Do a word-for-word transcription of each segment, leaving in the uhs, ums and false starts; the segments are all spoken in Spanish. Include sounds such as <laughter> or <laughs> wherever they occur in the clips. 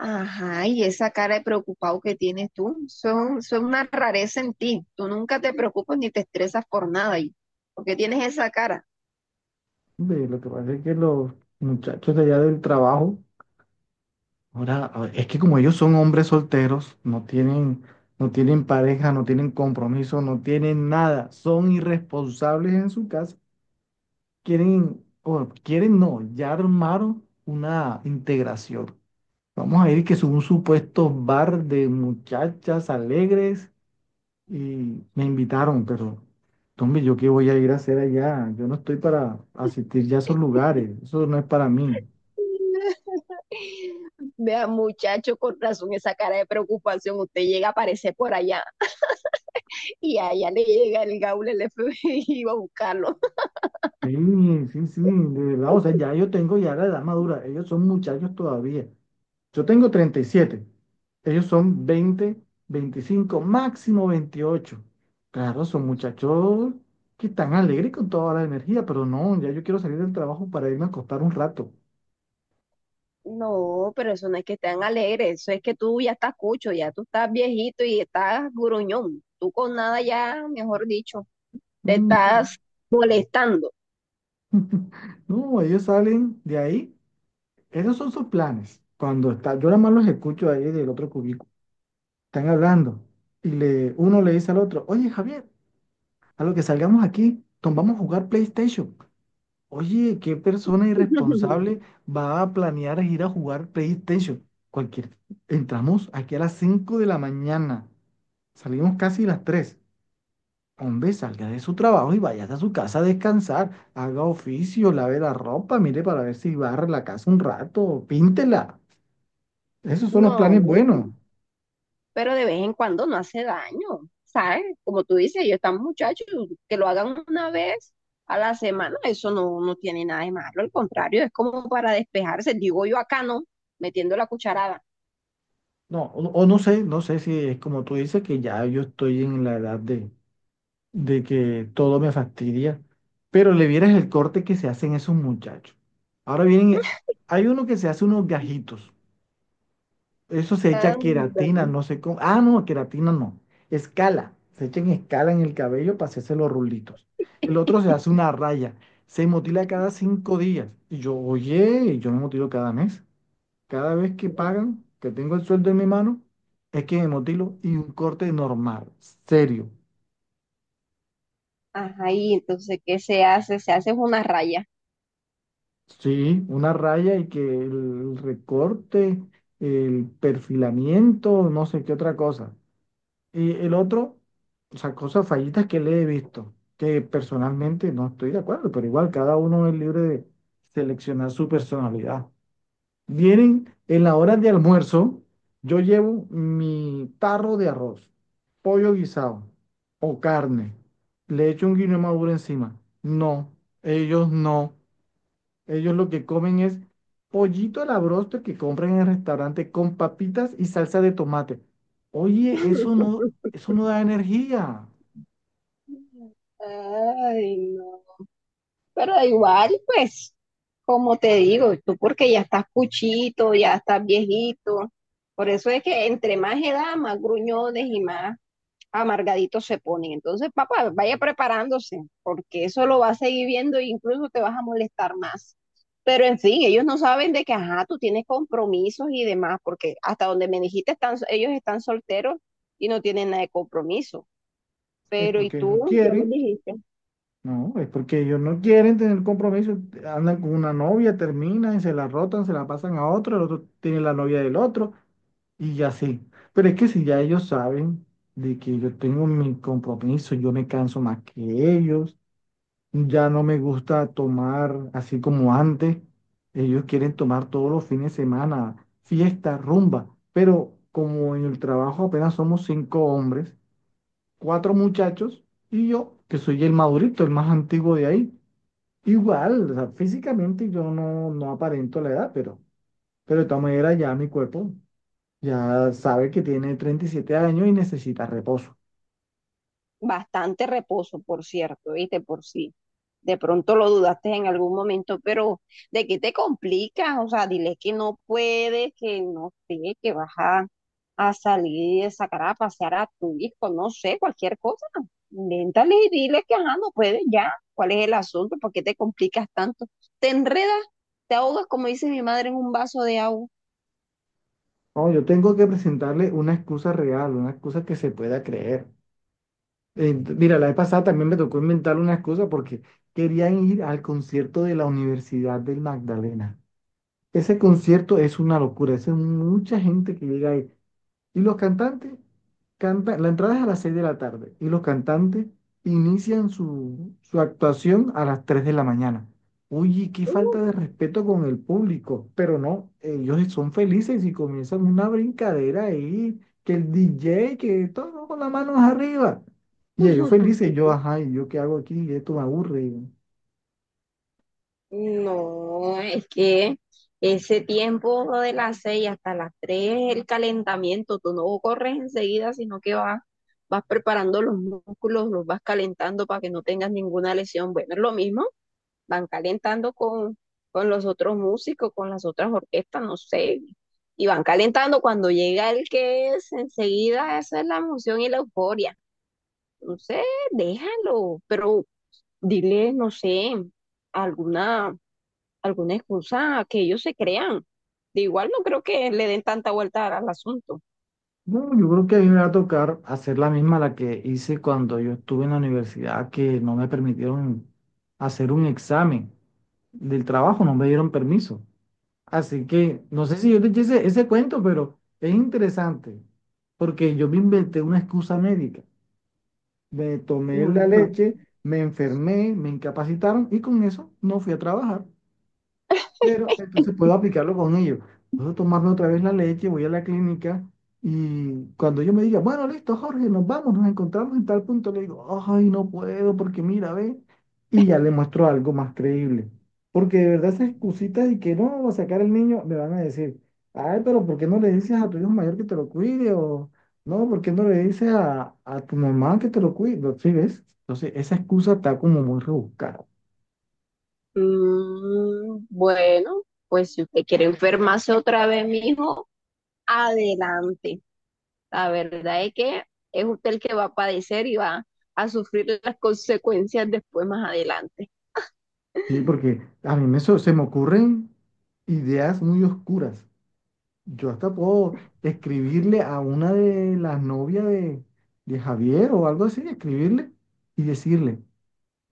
Ajá, y esa cara de preocupado que tienes tú, eso, eso es una rareza en ti. Tú nunca te preocupas ni te estresas por nada. ¿Y por qué tienes esa cara? Ve, lo que pasa es que los muchachos de allá del trabajo, ahora, a ver, es que como ellos son hombres solteros, no tienen, no tienen pareja, no tienen compromiso, no tienen nada, son irresponsables en su casa, quieren, o quieren no, ya armaron una integración. Vamos a ir que es un supuesto bar de muchachas alegres y me invitaron, pero hombre, ¿yo qué voy a ir a hacer allá? Yo no estoy para asistir ya a esos lugares, eso no es para mí. Vea, muchacho, con razón, esa cara de preocupación. Usted llega a aparecer por allá y allá le llega el gaul, el F B I <laughs> y va a buscarlo. Sí, sí, sí, de verdad, o sea, ya yo tengo ya la edad madura, ellos son muchachos todavía. Yo tengo treinta y siete. Ellos son veinte, veinticinco, máximo veintiocho. Claro, son muchachos que están alegres con toda la energía, pero no, ya yo quiero salir del trabajo para irme a acostar un rato. No, pero eso no es que estén alegres, eso es que tú ya estás cucho, ya tú estás viejito y estás gruñón. Tú con nada ya, mejor dicho, te Mm, sí. estás molestando. <laughs> No, ellos salen de ahí, esos son sus planes. Cuando está, yo nada más los escucho ahí del otro cubículo, están hablando y le, uno le dice al otro, oye, Javier. A lo que salgamos aquí, Tom, vamos a jugar PlayStation. Oye, ¿qué persona <laughs> irresponsable va a planear ir a jugar PlayStation? Cualquier. Entramos aquí a las cinco de la mañana. Salimos casi a las tres. Hombre, salga de su trabajo y vaya a su casa a descansar. Haga oficio, lave la ropa, mire para ver si barre la casa un rato, píntela. Esos son los No, planes buenos. pero de vez en cuando no hace daño, ¿sabes? Como tú dices, ellos están muchachos, que lo hagan una vez a la semana, eso no, no tiene nada de malo, al contrario, es como para despejarse, digo yo acá no, metiendo la cucharada. No, o, o no sé, no sé si es como tú dices que ya yo estoy en la edad de, de que todo me fastidia, pero le vieras el corte que se hacen esos muchachos. Ahora vienen, hay uno que se hace unos gajitos, eso se echa Anda. queratina, no sé cómo, ah, no, queratina no, escala, se echa en escala en el cabello para hacerse los rulitos. El otro se hace una raya, se motila cada cinco días. Y yo, oye, yo me motilo cada mes, cada vez que pagan, que tengo el sueldo en mi mano, es que me motilo y un corte normal, serio. Ajá, y entonces, ¿qué se hace? Se hace una raya. Sí, una raya y que el recorte, el perfilamiento, no sé qué otra cosa. Y el otro, o sea, cosas fallitas que le he visto, que personalmente no estoy de acuerdo, pero igual cada uno es libre de seleccionar su personalidad. Vienen en la hora de almuerzo, yo llevo mi tarro de arroz, pollo guisado o carne, le echo un guineo maduro encima. No, ellos no. Ellos lo que comen es pollito a la broster que compran en el restaurante con papitas y salsa de tomate. Oye, eso no, <laughs> eso no da energía. Ay, no. Pero igual, pues, como te digo, tú porque ya estás cuchito, ya estás viejito, por eso es que entre más edad, más gruñones y más amargaditos se ponen. Entonces, papá, vaya preparándose, porque eso lo vas a seguir viendo e incluso te vas a molestar más. Pero en fin, ellos no saben de que, ajá, tú tienes compromisos y demás, porque hasta donde me dijiste, están, ellos están solteros y no tienen nada de compromiso. Es Pero y porque no tú, ya lo quieren, dijiste, no, es porque ellos no quieren tener compromiso. Andan con una novia, terminan, y se la rotan, se la pasan a otro, el otro tiene la novia del otro y ya sí. Pero es que si ya ellos saben de que yo tengo mi compromiso, yo me canso más que ellos. Ya no me gusta tomar así como antes. Ellos quieren tomar todos los fines de semana, fiesta, rumba. Pero como en el trabajo apenas somos cinco hombres, cuatro muchachos y yo, que soy el madurito, el más antiguo de ahí. Igual, o sea, físicamente yo no, no aparento la edad, pero, pero de todas maneras ya mi cuerpo ya sabe que tiene treinta y siete años y necesita reposo. bastante reposo, por cierto, viste, por si de pronto lo dudaste en algún momento, pero ¿de qué te complicas? O sea, dile que no puedes, que no sé, que vas a a salir, sacar a pasear a tu hijo, no sé, cualquier cosa. Invéntale y dile que ajá, no puedes ya. ¿Cuál es el asunto? ¿Por qué te complicas tanto? Te enredas, te ahogas, como dice mi madre, en un vaso de agua. No, yo tengo que presentarle una excusa real, una excusa que se pueda creer. Eh, mira, la vez pasada también me tocó inventar unas cosas porque querían ir al concierto de la Universidad del Magdalena. Ese concierto es una locura, es mucha gente que llega ahí. Y los cantantes cantan, la entrada es a las seis de la tarde y los cantantes inician su, su actuación a las tres de la mañana. Uy, qué Uh, falta de respeto con el público, pero no, ellos son felices y comienzan una brincadera ahí, que el D J, que todo con las manos arriba. Y ellos felices, yo, ajá, ¿y yo qué hago aquí? Esto me aburre. No, es que ese tiempo de las seis hasta las tres es el calentamiento. Tú no corres enseguida, sino que vas, vas preparando los músculos, los vas calentando para que no tengas ninguna lesión. Bueno, es lo mismo. Van calentando con, con los otros músicos, con las otras orquestas, no sé, y van calentando cuando llega el que es, enseguida esa es la emoción y la euforia. No sé, déjalo, pero dile, no sé, alguna, alguna excusa que ellos se crean. De igual no creo que le den tanta vuelta al, al asunto. No, yo creo que a mí me va a tocar hacer la misma la que hice cuando yo estuve en la universidad, que no me permitieron hacer un examen del trabajo, no me dieron permiso. Así que no sé si yo te eché ese, ese cuento, pero es interesante, porque yo me inventé una excusa médica. Me tomé la Ajá. leche, me enfermé, me incapacitaron y con eso no fui a trabajar. Pero entonces puedo aplicarlo con ellos. Puedo tomarme otra vez la leche, voy a la clínica y cuando yo me diga, bueno, listo, Jorge, nos vamos, nos encontramos en tal punto, le digo, ay, no puedo porque mira, ve, y ya le muestro algo más creíble. Porque de verdad esas excusitas de que no va a sacar el niño, me van a decir, ay, pero ¿por qué no le dices a tu hijo mayor que te lo cuide? O no, ¿por qué no le dices a, a tu mamá que te lo cuide? No, ¿sí ves? Entonces esa excusa está como muy rebuscada. Mm, bueno, pues si usted quiere enfermarse otra vez, mijo, adelante. La verdad es que es usted el que va a padecer y va a sufrir las consecuencias después más adelante. Sí, porque a mí me, so- se me ocurren ideas muy oscuras. Yo hasta puedo escribirle a una de las novias de, de Javier o algo así, escribirle y decirle,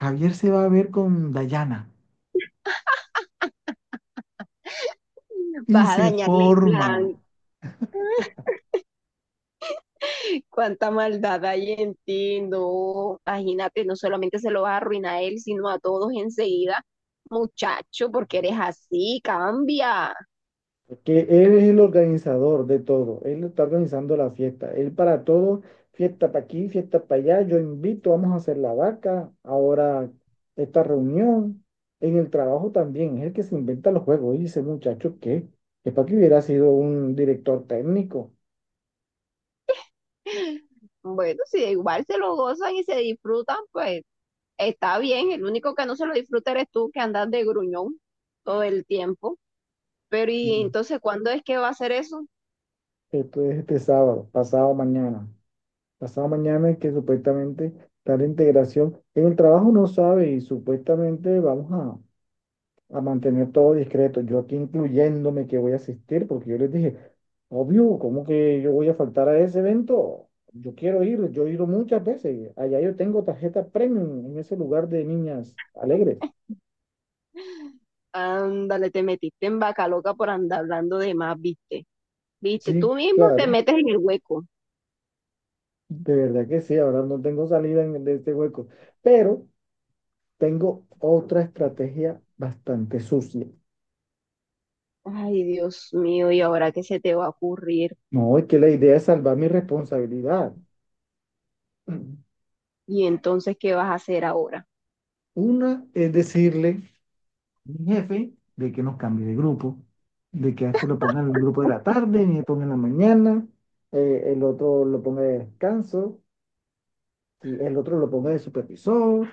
Javier se va a ver con Dayana. Y Vas a se dañarle el plan. forma. Cuánta maldad hay en ti, no. Imagínate, no solamente se lo vas a arruinar a él, sino a todos enseguida. Muchacho, porque eres así, cambia. Que él es el organizador de todo, él está organizando la fiesta, él para todo, fiesta para aquí, fiesta para allá, yo invito, vamos a hacer la vaca, ahora esta reunión, en el trabajo también, es el que se inventa los juegos, y dice muchacho que es para que hubiera sido un director técnico. Bueno, si de igual se lo gozan y se disfrutan, pues está bien. El único que no se lo disfruta eres tú, que andas de gruñón todo el tiempo. Pero y Mm. entonces, ¿cuándo es que va a hacer eso? Esto es este sábado, pasado mañana, pasado mañana es que supuestamente está la integración, en el trabajo no sabe y supuestamente vamos a mantener todo discreto. Yo aquí incluyéndome que voy a asistir, porque yo les dije, obvio, ¿cómo que yo voy a faltar a ese evento? Yo quiero ir, yo he ido muchas veces. Allá yo tengo tarjeta premium en ese lugar de niñas alegres. Ándale, te metiste en vaca loca por andar hablando de más, ¿viste? ¿Viste? Sí, Tú mismo te claro, metes en el hueco. de verdad que sí, ahora no tengo salida en- de este hueco, pero tengo otra estrategia bastante sucia. Ay, Dios mío, ¿y ahora qué se te va a ocurrir? No, es que la idea es salvar mi responsabilidad. <clears throat> ¿Y entonces qué vas a hacer ahora? Una es decirle mi jefe de que nos cambie de grupo, de que a este lo pongan en el grupo de la tarde, ni le ponga en la mañana, eh, el otro lo ponga de descanso, sí, el otro lo ponga de supervisor.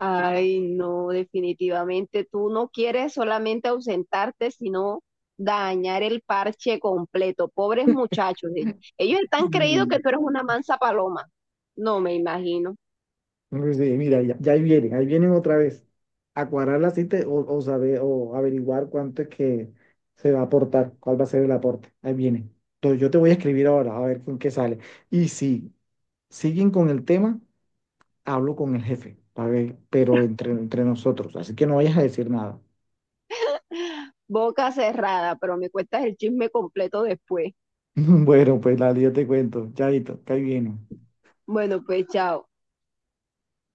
Ay, no, definitivamente tú no quieres solamente ausentarte, sino dañar el parche completo. Pobres muchachos, e- ellos están creído Sí, que tú eres una mansa paloma. No me imagino. pues sí, mira, ya, ya ahí vienen, ahí vienen otra vez a cuadrar la cita o, o saber o averiguar cuánto es que se va a aportar, cuál va a ser el aporte. Ahí vienen. Entonces yo te voy a escribir ahora a ver con qué sale. Y si siguen con el tema, hablo con el jefe, para ver, pero entre, entre nosotros, así que no vayas a decir nada. Boca cerrada, pero me cuentas el chisme completo después. <laughs> Bueno, pues Lali, yo te cuento. Chaito, que ahí viene. Bueno, pues chao.